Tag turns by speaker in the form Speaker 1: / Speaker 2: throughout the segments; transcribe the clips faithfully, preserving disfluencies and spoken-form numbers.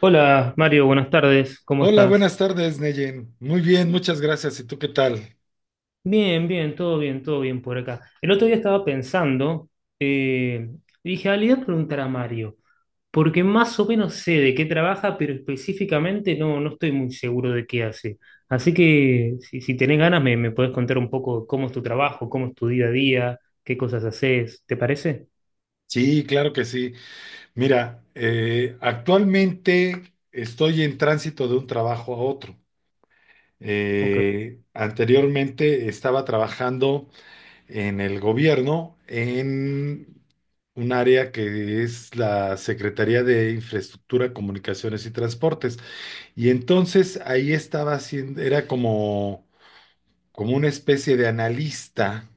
Speaker 1: Hola Mario, buenas tardes, ¿cómo
Speaker 2: Hola,
Speaker 1: estás?
Speaker 2: buenas tardes, Neyen. Muy bien, muchas gracias. ¿Y tú qué tal?
Speaker 1: Bien, bien, todo bien, todo bien por acá. El otro día estaba pensando, eh, dije, ah, le voy a preguntar a Mario, porque más o menos sé de qué trabaja, pero específicamente no, no estoy muy seguro de qué hace. Así que si, si tenés ganas, me, me podés contar un poco cómo es tu trabajo, cómo es tu día a día, qué cosas haces, ¿te parece?
Speaker 2: Sí, claro que sí. Mira, eh, actualmente estoy en tránsito de un trabajo a otro.
Speaker 1: Ok,
Speaker 2: Eh, anteriormente estaba trabajando en el gobierno en un área que es la Secretaría de Infraestructura, Comunicaciones y Transportes. Y entonces ahí estaba haciendo, era como, como una especie de analista,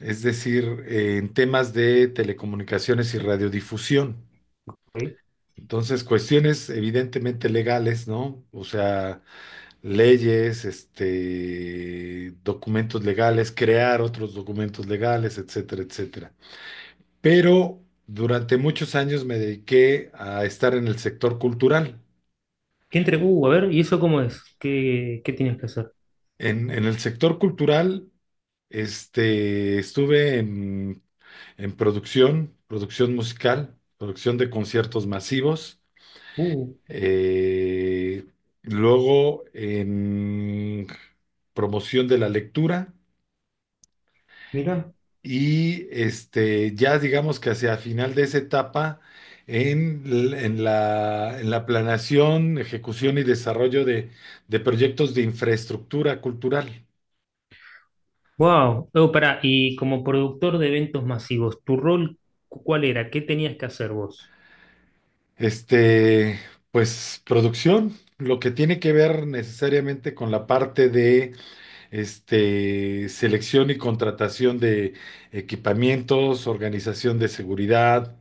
Speaker 2: es decir, eh, en temas de telecomunicaciones y radiodifusión.
Speaker 1: ok.
Speaker 2: Entonces, cuestiones evidentemente legales, ¿no? O sea, leyes, este, documentos legales, crear otros documentos legales, etcétera, etcétera. Pero durante muchos años me dediqué a estar en el sector cultural.
Speaker 1: ¿Qué entre? Uh, a ver, ¿y eso cómo es? ¿Qué, qué tienes que hacer?
Speaker 2: En, en el sector cultural, este, estuve en, en producción, producción musical, producción de conciertos masivos.
Speaker 1: Uh,
Speaker 2: Eh, Luego en promoción de la lectura,
Speaker 1: mira.
Speaker 2: y este, ya digamos que hacia final de esa etapa en, l- en la, en la planeación, ejecución y desarrollo de, de proyectos de infraestructura cultural.
Speaker 1: Wow, oh, pará, y como productor de eventos masivos, ¿tu rol cu- cuál era? ¿Qué tenías que hacer vos?
Speaker 2: Este, pues producción, lo que tiene que ver necesariamente con la parte de este, selección y contratación de equipamientos, organización de seguridad,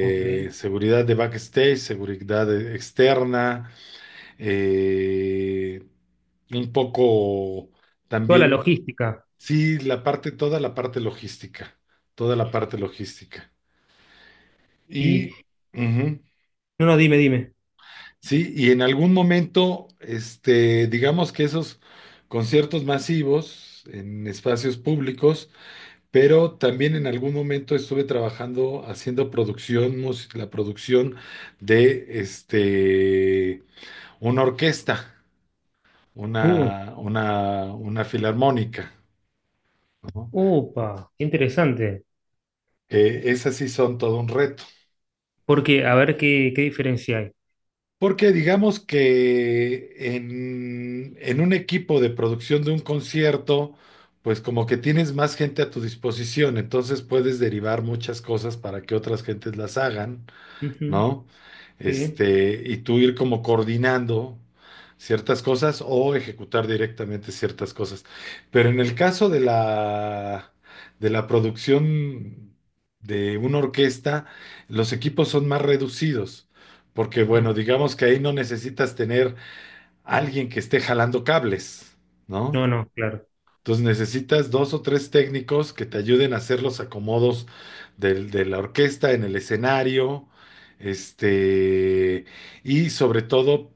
Speaker 1: Ok.
Speaker 2: seguridad de backstage, seguridad eh, externa, eh, un poco
Speaker 1: Toda la
Speaker 2: también,
Speaker 1: logística.
Speaker 2: sí, la parte, toda la parte logística, toda la parte logística.
Speaker 1: Y
Speaker 2: Y, ujú,
Speaker 1: no, no, dime, dime.
Speaker 2: sí, y en algún momento, este, digamos que esos conciertos masivos en espacios públicos, pero también en algún momento estuve trabajando haciendo producción, mus- la producción de este, una orquesta,
Speaker 1: Uh,
Speaker 2: una, una, una filarmónica, ¿no?
Speaker 1: upa, qué interesante.
Speaker 2: Eh, esas sí son todo un reto.
Speaker 1: Porque, a ver qué, qué diferencia hay.
Speaker 2: Porque digamos que en, en un equipo de producción de un concierto, pues como que tienes más gente a tu disposición, entonces puedes derivar muchas cosas para que otras gentes las hagan.
Speaker 1: Ujú,
Speaker 2: ¿No?
Speaker 1: sí.
Speaker 2: Este, y tú ir como coordinando ciertas cosas o ejecutar directamente ciertas cosas. Pero en el caso de la, de la producción de una orquesta, los equipos son más reducidos, porque
Speaker 1: Ah,
Speaker 2: bueno, digamos que ahí no necesitas tener alguien que esté jalando cables,
Speaker 1: no,
Speaker 2: ¿no?
Speaker 1: no, claro.
Speaker 2: Entonces necesitas dos o tres técnicos que te ayuden a hacer los acomodos del- de la orquesta en el escenario, este, y sobre todo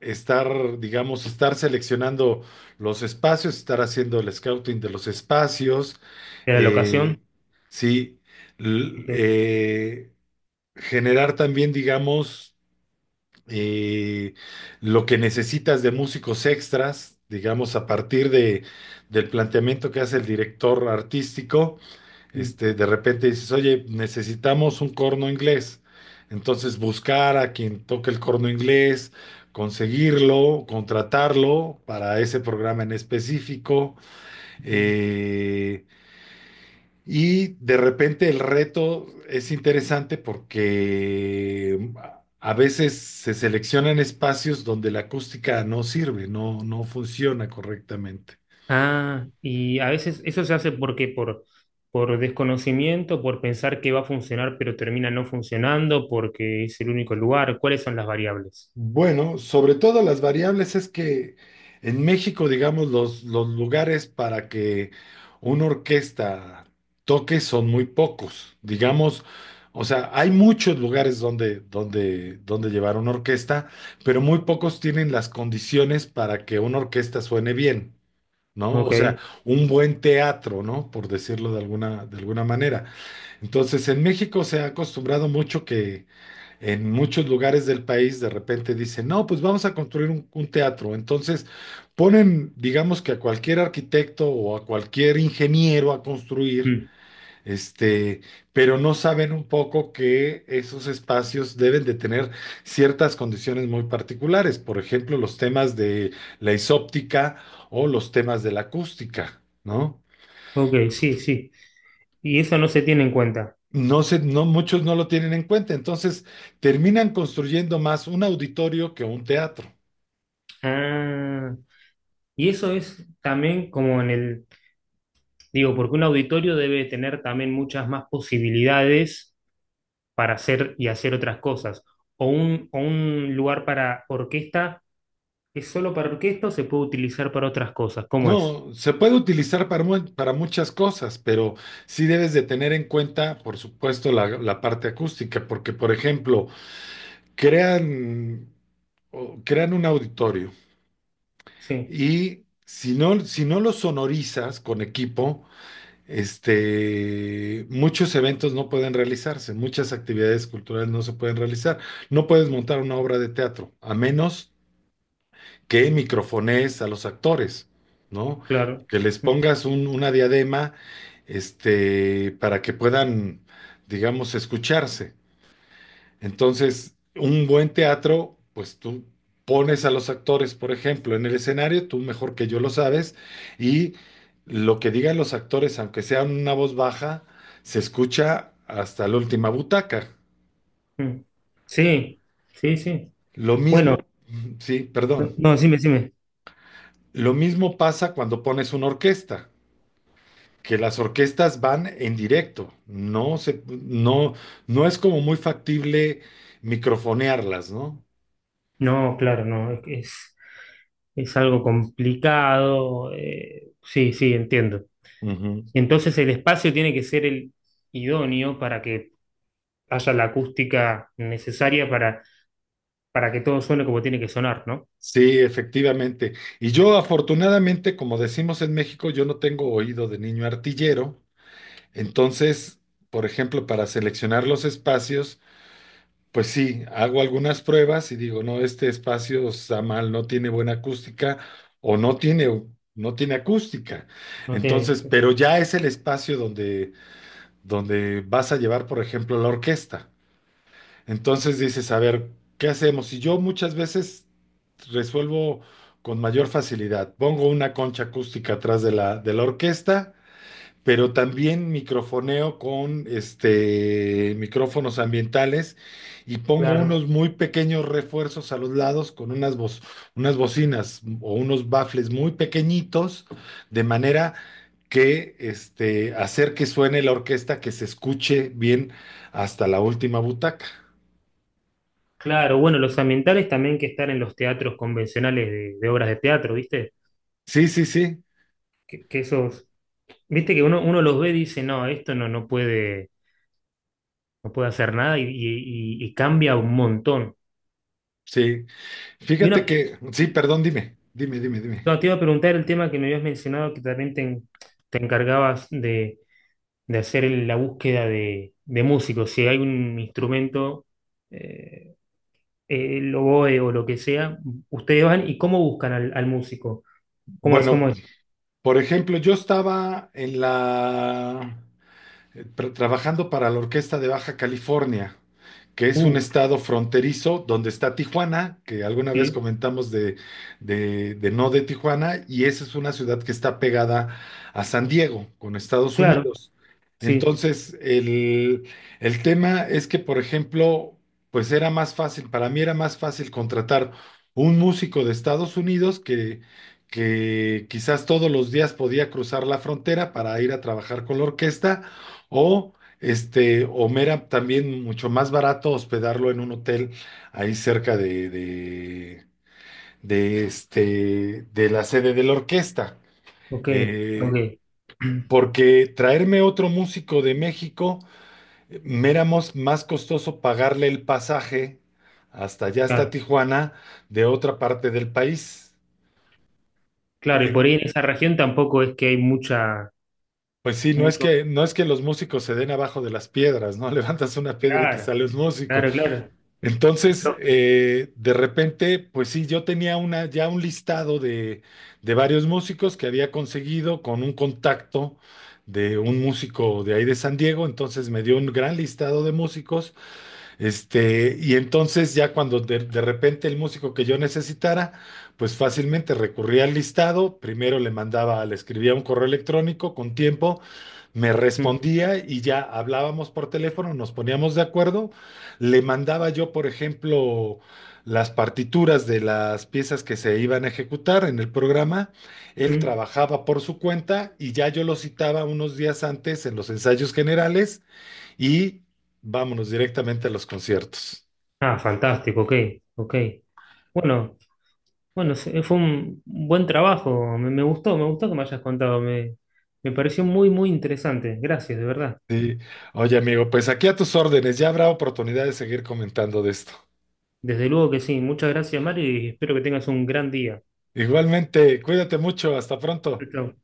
Speaker 2: estar, digamos, estar seleccionando los espacios, estar haciendo el scouting de los espacios,
Speaker 1: ¿De la
Speaker 2: eh,
Speaker 1: locación?
Speaker 2: sí, l-
Speaker 1: Ok.
Speaker 2: eh, generar también, digamos, eh, lo que necesitas de músicos extras, digamos, a partir de, del planteamiento que hace el director artístico,
Speaker 1: Mm,
Speaker 2: este, de repente dices, oye, necesitamos un corno inglés. Entonces buscar a quien toque el corno inglés, conseguirlo, contratarlo para ese programa en específico.
Speaker 1: ok.
Speaker 2: Eh, y de repente el reto es interesante porque mm, a veces se seleccionan espacios donde la acústica no sirve, no, no funciona correctamente.
Speaker 1: Ah, y a veces eso se hace porque por, por desconocimiento, por pensar que va a funcionar, pero termina no funcionando, porque es el único lugar. ¿Cuáles son las variables?
Speaker 2: Bueno, sobre todo las variables es que en México, digamos, los, los lugares para que una orquesta toque son muy pocos. Digamos, o sea, hay muchos lugares donde, donde, donde llevar una orquesta, pero muy pocos tienen las condiciones para que una orquesta suene bien, ¿no? O
Speaker 1: Ok,
Speaker 2: sea, un buen teatro, ¿no? Por decirlo de alguna, de alguna manera. Entonces, en México se ha acostumbrado mucho que en muchos lugares del país de repente dicen, no, pues vamos a construir un, un teatro. Entonces ponen, digamos que a cualquier arquitecto o a cualquier ingeniero a construir,
Speaker 1: mm,
Speaker 2: este, pero no saben un poco que esos espacios deben de tener ciertas condiciones muy particulares. Por ejemplo, los temas de la isóptica o los temas de la acústica, ¿no?
Speaker 1: ok, sí, sí. Y eso no se tiene en cuenta.
Speaker 2: No se, no, muchos no lo tienen en cuenta. Entonces terminan construyendo más un auditorio que un teatro.
Speaker 1: Ah, y eso es también como en el, digo, porque un auditorio debe tener también muchas más posibilidades para hacer y hacer otras cosas. O un, o un lugar para orquesta es solo para orquesta o se puede utilizar para otras cosas. ¿Cómo es?
Speaker 2: No, se puede utilizar para, mu- para muchas cosas, pero sí debes de tener en cuenta, por supuesto, la, la parte acústica, porque, por ejemplo, crean, o- crean un auditorio
Speaker 1: Sí,
Speaker 2: y si no, si no lo sonorizas con equipo, este, muchos eventos no pueden realizarse, muchas actividades culturales no se pueden realizar. No puedes montar una obra de teatro, a menos que microfonees a los actores, ¿no?
Speaker 1: claro.
Speaker 2: Que les
Speaker 1: Mm,
Speaker 2: pongas un- una diadema, este, para que puedan, digamos, escucharse. Entonces, un buen teatro, pues tú pones a los actores, por ejemplo, en el escenario, tú mejor que yo lo sabes, y lo que digan los actores, aunque sea una voz baja, se escucha hasta la última butaca.
Speaker 1: mm. Sí, sí, sí.
Speaker 2: Lo
Speaker 1: Bueno,
Speaker 2: mismo, sí,
Speaker 1: no,
Speaker 2: perdón.
Speaker 1: no, decime, decime.
Speaker 2: Lo mismo pasa cuando pones una orquesta. Que las orquestas van en directo, no se, no, no es como muy factible microfonearlas, ¿no?
Speaker 1: No, claro, no, es, es, es algo complicado. eh, sí, sí, entiendo.
Speaker 2: Ujú.
Speaker 1: Entonces el espacio tiene que ser el idóneo para que haya la acústica necesaria para, para que todo suene como tiene que sonar, ¿no?
Speaker 2: Sí, efectivamente. Y yo afortunadamente, como decimos en México, yo no tengo oído de niño artillero, entonces, por ejemplo, para seleccionar los espacios, pues sí, hago algunas pruebas y digo, no, este espacio está mal, no tiene buena acústica o no tiene, no tiene acústica.
Speaker 1: No tiene,
Speaker 2: Entonces, pero ya es el espacio donde donde vas a llevar, por ejemplo, la orquesta. Entonces dices, a ver, ¿qué hacemos? Y yo muchas veces resuelvo con mayor facilidad. Pongo una concha acústica atrás de la, de la orquesta, pero también microfoneo con este, micrófonos ambientales y pongo
Speaker 1: claro.
Speaker 2: unos muy pequeños refuerzos a los lados con unas, bo- unas bocinas o unos bafles muy pequeñitos, de manera que este, hacer que suene la orquesta, que se escuche bien hasta la última butaca.
Speaker 1: Claro, bueno, los ambientales también que están en los teatros convencionales de, de obras de teatro, ¿viste?
Speaker 2: Sí, sí, sí,
Speaker 1: Que, que esos, viste que uno, uno los ve y dice, no, esto no, no puede, no puede hacer nada y, y y- y cambia un montón.
Speaker 2: sí.
Speaker 1: Y
Speaker 2: Fíjate
Speaker 1: una
Speaker 2: que, sí, perdón, dime, dime, dime,
Speaker 1: no,
Speaker 2: dime.
Speaker 1: te iba a preguntar el tema que me habías mencionado, que también te, en- te encargabas de, de hacer la búsqueda de, de músicos. Si hay un instrumento, eh, el oboe o lo que sea, ustedes van y cómo buscan al, al músico. ¿Cómo es?
Speaker 2: Bueno,
Speaker 1: ¿Cómo es?
Speaker 2: por ejemplo, yo estaba en la eh, tra- trabajando para la Orquesta de Baja California, que es un
Speaker 1: Uh,
Speaker 2: estado fronterizo donde está Tijuana, que alguna vez
Speaker 1: sí,
Speaker 2: comentamos de, de- de no de Tijuana, y esa es una ciudad que está pegada a San Diego, con Estados
Speaker 1: claro,
Speaker 2: Unidos.
Speaker 1: sí,
Speaker 2: Entonces, el, el tema es que, por ejemplo, pues era más fácil, para mí era más fácil contratar un músico de Estados Unidos que, que quizás todos los días podía cruzar la frontera para ir a trabajar con la orquesta o este, o mera también mucho más barato hospedarlo en un hotel ahí cerca de, de, de, este, de la sede de la orquesta.
Speaker 1: ok, ok.
Speaker 2: Eh, Porque traerme otro músico de México, eh, me era mos- más costoso pagarle el pasaje hasta allá, hasta
Speaker 1: Claro,
Speaker 2: Tijuana, de otra parte del país.
Speaker 1: claro, y
Speaker 2: Eh,
Speaker 1: por ahí en esa región tampoco es que hay mucha,
Speaker 2: Pues sí, no es
Speaker 1: mucho.
Speaker 2: que, no es que los músicos se den abajo de las piedras, ¿no? Levantas una piedra y te
Speaker 1: Claro,
Speaker 2: sale un músico.
Speaker 1: claro, claro. Es
Speaker 2: Entonces,
Speaker 1: lógico.
Speaker 2: eh, de repente, pues sí, yo tenía una, ya un listado de, de varios músicos que había conseguido con un contacto de un músico de ahí de San Diego, entonces me dio un gran listado de músicos, este, y entonces ya cuando de, de repente el músico que yo necesitara, pues fácilmente recurría al listado, primero le mandaba, le escribía un correo electrónico con tiempo, me
Speaker 1: Mm,
Speaker 2: respondía y ya hablábamos por teléfono, nos poníamos de acuerdo, le mandaba yo, por ejemplo, las partituras de las piezas que se iban a ejecutar en el programa, él
Speaker 1: mm.
Speaker 2: trabajaba por su cuenta y ya yo lo citaba unos días antes en los ensayos generales y vámonos directamente a los conciertos.
Speaker 1: Ah, fantástico, ok, ok. Bueno. Bueno, se- fue un buen trabajo, me, me gustó, me gustó que me hayas contado, me, me pareció muy, muy interesante. Gracias, de verdad.
Speaker 2: Sí. Oye, amigo, pues aquí a tus órdenes, ya habrá oportunidad de seguir comentando de esto.
Speaker 1: Desde luego que sí, muchas gracias, Mario, y espero que tengas un gran día.
Speaker 2: Igualmente, cuídate mucho, hasta
Speaker 1: Chau,
Speaker 2: pronto.
Speaker 1: chau.